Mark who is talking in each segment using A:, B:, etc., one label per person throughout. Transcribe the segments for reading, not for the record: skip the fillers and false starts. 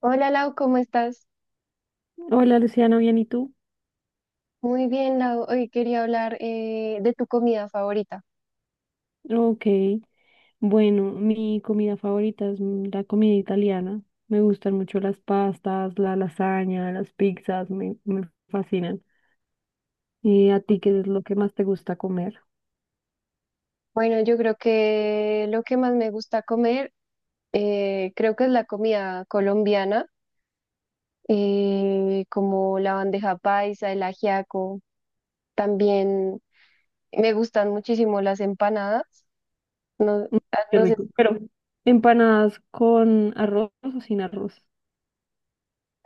A: Hola Lau, ¿cómo estás?
B: Hola Luciano, ¿bien y tú?
A: Muy bien, Lau. Hoy quería hablar de tu comida favorita.
B: Ok, bueno, mi comida favorita es la comida italiana. Me gustan mucho las pastas, la lasaña, las pizzas, me fascinan. ¿Y a ti qué es lo que más te gusta comer?
A: Bueno, yo creo que lo que más me gusta comer, creo que es la comida colombiana, como la bandeja paisa, el ajiaco. También me gustan muchísimo las empanadas. No,
B: Mm. Qué
A: no sé,
B: rico. Pero empanadas con arroz o sin arroz.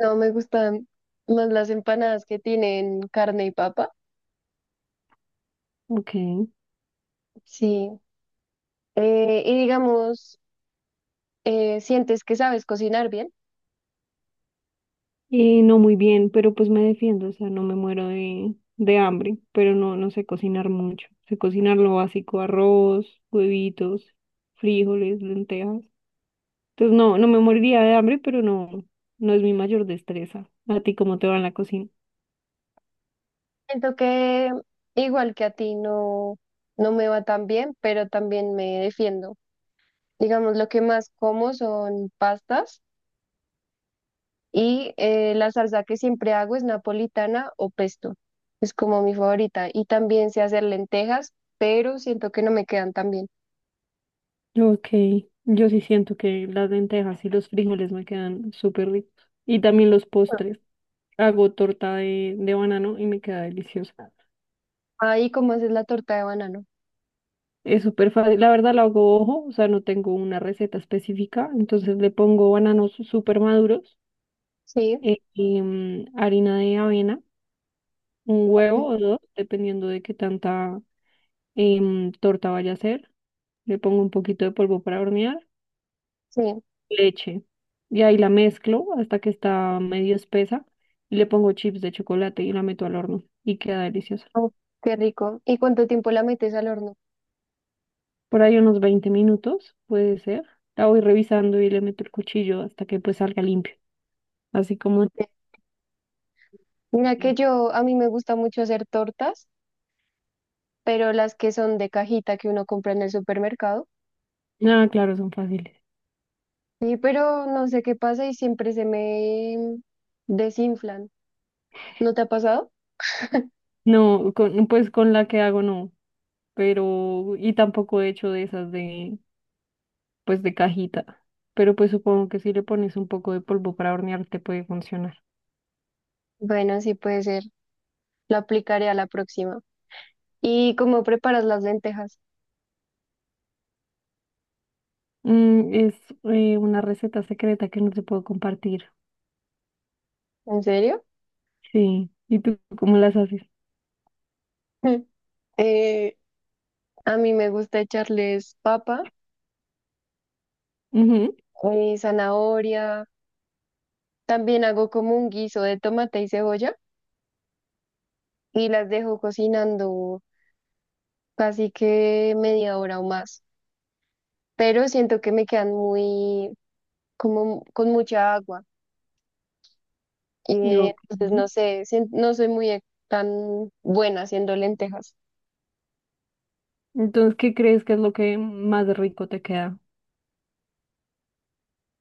A: no me gustan más las empanadas que tienen carne y papa.
B: Ok.
A: Sí. Y digamos, ¿sientes que sabes cocinar bien?
B: Y no muy bien, pero pues me defiendo, o sea, no me muero de hambre, pero no, no sé cocinar mucho. Sé cocinar lo básico, arroz, huevitos, frijoles, lentejas. Entonces no, no me moriría de hambre, pero no, no es mi mayor destreza. ¿A ti cómo te va en la cocina?
A: Siento que igual que a ti no, no me va tan bien, pero también me defiendo. Digamos, lo que más como son pastas y la salsa que siempre hago es napolitana o pesto. Es como mi favorita. Y también sé hacer lentejas, pero siento que no me quedan tan bien.
B: Ok, yo sí siento que las lentejas y los frijoles me quedan súper ricos. Y también los
A: Bueno,
B: postres. Hago torta de banano y me queda deliciosa.
A: ahí como haces la torta de banano.
B: Es súper fácil. La verdad la hago ojo, o sea, no tengo una receta específica. Entonces le pongo bananos súper maduros,
A: Sí,
B: y, harina de avena, un huevo o
A: sí.
B: dos, dependiendo de qué tanta torta vaya a ser. Le pongo un poquito de polvo para hornear,
A: Sí.
B: leche. Y ahí la mezclo hasta que está medio espesa. Y le pongo chips de chocolate y la meto al horno. Y queda deliciosa.
A: Oh, qué rico. ¿Y cuánto tiempo la metes al horno?
B: Por ahí unos 20 minutos, puede ser. La voy revisando y le meto el cuchillo hasta que pues salga limpio. Así como.
A: Mira que
B: Si,
A: yo, a mí me gusta mucho hacer tortas, pero las que son de cajita que uno compra en el supermercado.
B: ah, claro, son fáciles.
A: Sí, pero no sé qué pasa y siempre se me desinflan. ¿No te ha pasado?
B: No, con, pues con la que hago no. Pero. Y tampoco he hecho de esas de pues de cajita, pero pues supongo que si le pones un poco de polvo para hornear te puede funcionar.
A: Bueno, sí puede ser. Lo aplicaré a la próxima. ¿Y cómo preparas las lentejas?
B: Mm, es una receta secreta que no te puedo compartir.
A: ¿En serio?
B: Sí, ¿y tú cómo las haces?
A: Eh, a mí me gusta echarles papa
B: Ujú,
A: y zanahoria. También hago como un guiso de tomate y cebolla y las dejo cocinando casi que media hora o más. Pero siento que me quedan muy como con mucha agua. Y
B: ok.
A: entonces no sé, no soy muy tan buena haciendo lentejas.
B: Entonces, ¿qué crees que es lo que más rico te queda?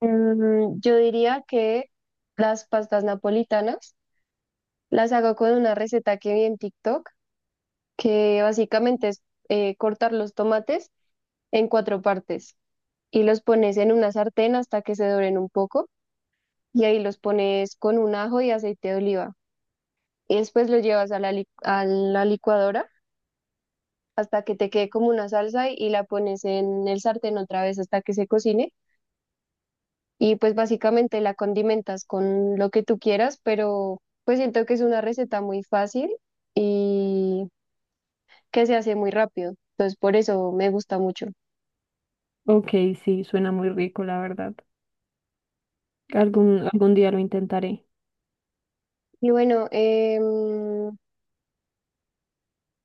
A: Mm, yo diría que las pastas napolitanas las hago con una receta que vi en TikTok, que básicamente es cortar los tomates en cuatro partes y los pones en una sartén hasta que se doren un poco y ahí los pones con un ajo y aceite de oliva. Y después los llevas a a la licuadora hasta que te quede como una salsa y la pones en el sartén otra vez hasta que se cocine. Y pues básicamente la condimentas con lo que tú quieras, pero pues siento que es una receta muy fácil y que se hace muy rápido. Entonces por eso me gusta mucho.
B: Ok, sí, suena muy rico, la verdad. Algún día lo intentaré.
A: Y bueno,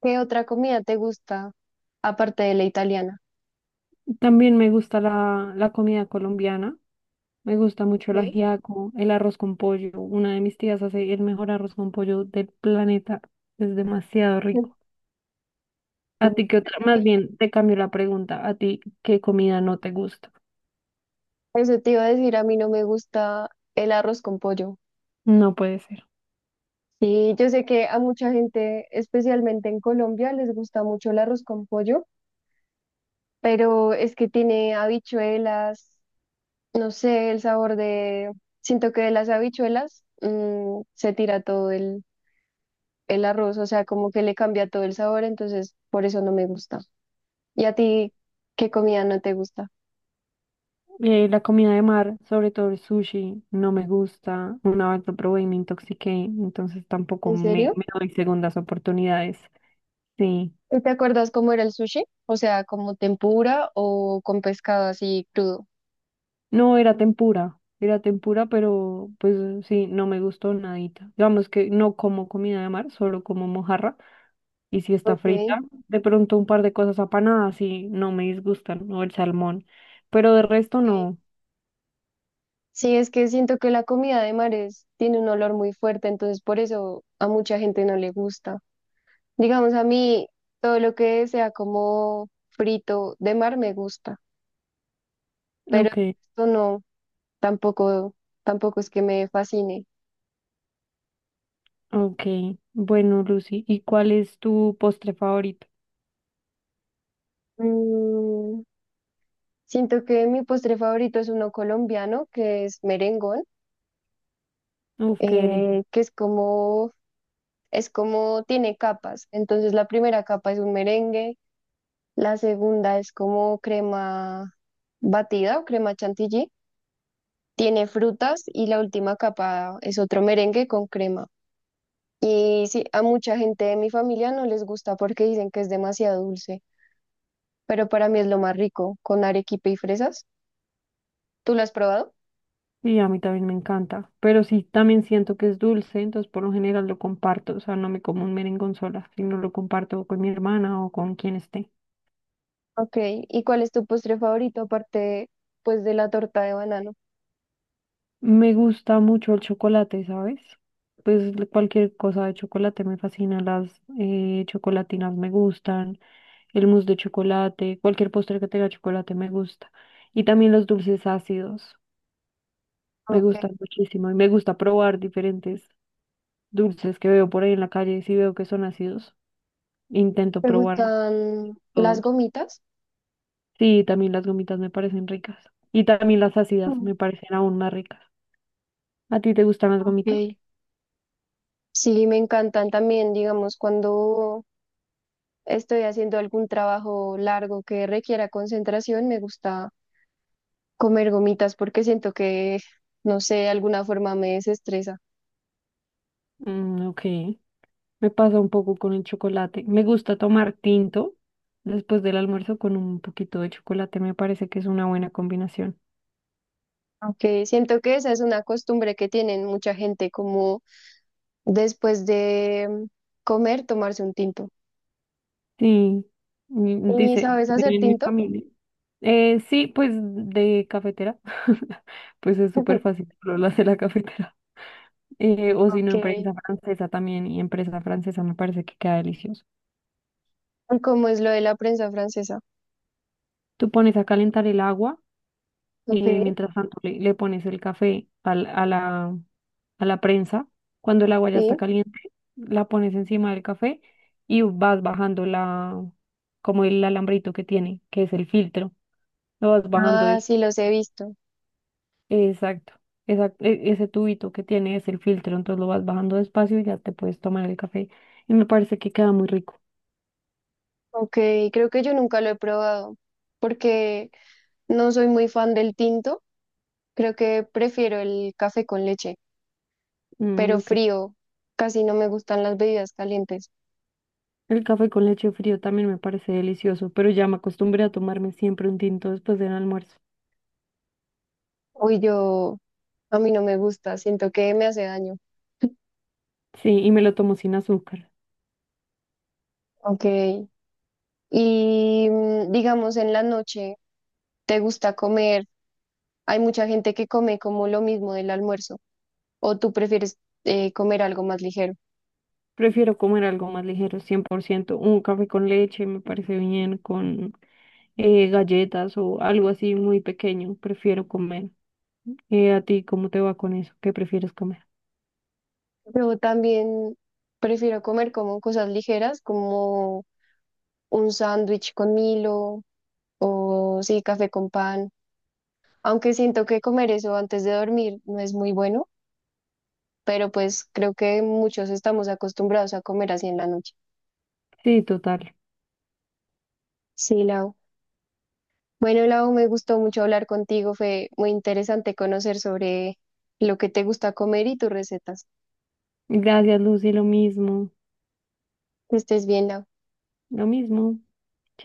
A: ¿qué otra comida te gusta aparte de la italiana?
B: También me gusta la comida colombiana. Me gusta mucho el
A: Sí.
B: ajiaco, el arroz con pollo. Una de mis tías hace el mejor arroz con pollo del planeta. Es demasiado
A: Mm.
B: rico. A ti qué otra,
A: A
B: más
A: mí,
B: bien te cambio la pregunta. ¿A ti qué comida no te gusta?
A: eso te iba a decir, a mí no me gusta el arroz con pollo.
B: No puede ser.
A: Sí, yo sé que a mucha gente, especialmente en Colombia, les gusta mucho el arroz con pollo, pero es que tiene habichuelas, no sé, el sabor de, siento que de las habichuelas se tira todo el arroz, o sea, como que le cambia todo el sabor, entonces por eso no me gusta. ¿Y a ti qué comida no te gusta?
B: La comida de mar, sobre todo el sushi, no me gusta. Una vez lo probé y me intoxiqué, entonces tampoco
A: ¿En
B: me,
A: serio?
B: me doy segundas oportunidades. Sí.
A: ¿Y ¿te acuerdas cómo era el sushi? O sea, como tempura o con pescado así crudo.
B: No, era tempura. Era tempura, pero pues sí, no me gustó nadita. Digamos que no como comida de mar, solo como mojarra. Y si está frita,
A: Ok.
B: de pronto un par de cosas apanadas y no me disgustan, o el salmón. Pero de resto
A: Ok.
B: no.
A: Sí, es que siento que la comida de mares tiene un olor muy fuerte, entonces por eso a mucha gente no le gusta. Digamos, a mí todo lo que sea como frito de mar me gusta, pero
B: Ok,
A: esto no, tampoco, tampoco es que me fascine.
B: ok. Bueno, Lucy, ¿y cuál es tu postre favorito?
A: Mm, siento que mi postre favorito es uno colombiano, que es merengón,
B: Uf, qué delicia.
A: que es como tiene capas. Entonces la primera capa es un merengue. La segunda es como crema batida o crema chantilly. Tiene frutas y la última capa es otro merengue con crema. Y sí, a mucha gente de mi familia no les gusta porque dicen que es demasiado dulce, pero para mí es lo más rico, con arequipe y fresas. ¿Tú lo has probado?
B: Y a mí también me encanta. Pero sí, también siento que es dulce, entonces por lo general lo comparto. O sea, no me como un merengón sola, sino lo comparto con mi hermana o con quien esté.
A: Ok, ¿y cuál es tu postre favorito aparte pues de la torta de banano?
B: Me gusta mucho el chocolate, ¿sabes? Pues cualquier cosa de chocolate me fascina, las chocolatinas me gustan. El mousse de chocolate, cualquier postre que tenga chocolate me gusta. Y también los dulces ácidos, me
A: Ok.
B: gustan muchísimo. Y me gusta probar diferentes dulces que veo por ahí en la calle. Si veo que son ácidos, intento
A: ¿Te
B: probar
A: gustan las
B: todos.
A: gomitas?
B: Sí, también las gomitas me parecen ricas. Y también las ácidas
A: Mm.
B: me parecen aún más ricas. ¿A ti te gustan las gomitas?
A: Ok. Sí, me encantan también, digamos, cuando estoy haciendo algún trabajo largo que requiera concentración, me gusta comer gomitas porque siento que, no sé, de alguna forma me desestresa.
B: Mm, ok. Me pasa un poco con el chocolate. Me gusta tomar tinto después del almuerzo con un poquito de chocolate. Me parece que es una buena combinación.
A: Aunque siento que esa es una costumbre que tienen mucha gente, como después de comer, tomarse un tinto.
B: Sí,
A: ¿Y
B: dice,
A: sabes hacer
B: en mi
A: tinto?
B: familia. Sí, pues de cafetera, pues es súper fácil, solo lo hace la cafetera. O si no,
A: Ok.
B: empresa francesa también, y empresa francesa me parece que queda delicioso.
A: ¿Cómo es lo de la prensa francesa?
B: Tú pones a calentar el agua,
A: Ok.
B: mientras tanto le pones el café a la prensa. Cuando el agua ya está
A: Sí.
B: caliente, la pones encima del café y vas bajando la, como el alambrito que tiene, que es el filtro. Lo vas bajando.
A: Ah, sí, los he visto.
B: Exacto, exacto, ese tubito que tiene es el filtro, entonces lo vas bajando despacio y ya te puedes tomar el café. Y me parece que queda muy rico.
A: Ok, creo que yo nunca lo he probado porque no soy muy fan del tinto. Creo que prefiero el café con leche,
B: Mm,
A: pero
B: ok.
A: frío. Casi no me gustan las bebidas calientes.
B: El café con leche frío también me parece delicioso, pero ya me acostumbré a tomarme siempre un tinto después del almuerzo.
A: Uy, yo, a mí no me gusta, siento que me hace daño.
B: Sí, y me lo tomo sin azúcar.
A: Ok. Y digamos en la noche, ¿te gusta comer? Hay mucha gente que come como lo mismo del almuerzo, o tú prefieres comer algo más ligero.
B: Prefiero comer algo más ligero, 100%. Un café con leche me parece bien, con galletas o algo así muy pequeño. Prefiero comer. ¿A ti cómo te va con eso? ¿Qué prefieres comer?
A: Yo también prefiero comer como cosas ligeras, como un sándwich con Milo, o sí, café con pan, aunque siento que comer eso antes de dormir no es muy bueno, pero pues creo que muchos estamos acostumbrados a comer así en la noche.
B: Sí, total.
A: Sí, Lau. Bueno, Lau, me gustó mucho hablar contigo, fue muy interesante conocer sobre lo que te gusta comer y tus recetas.
B: Gracias, Lucy, lo mismo,
A: Que estés bien, Lau.
B: lo mismo. Chao.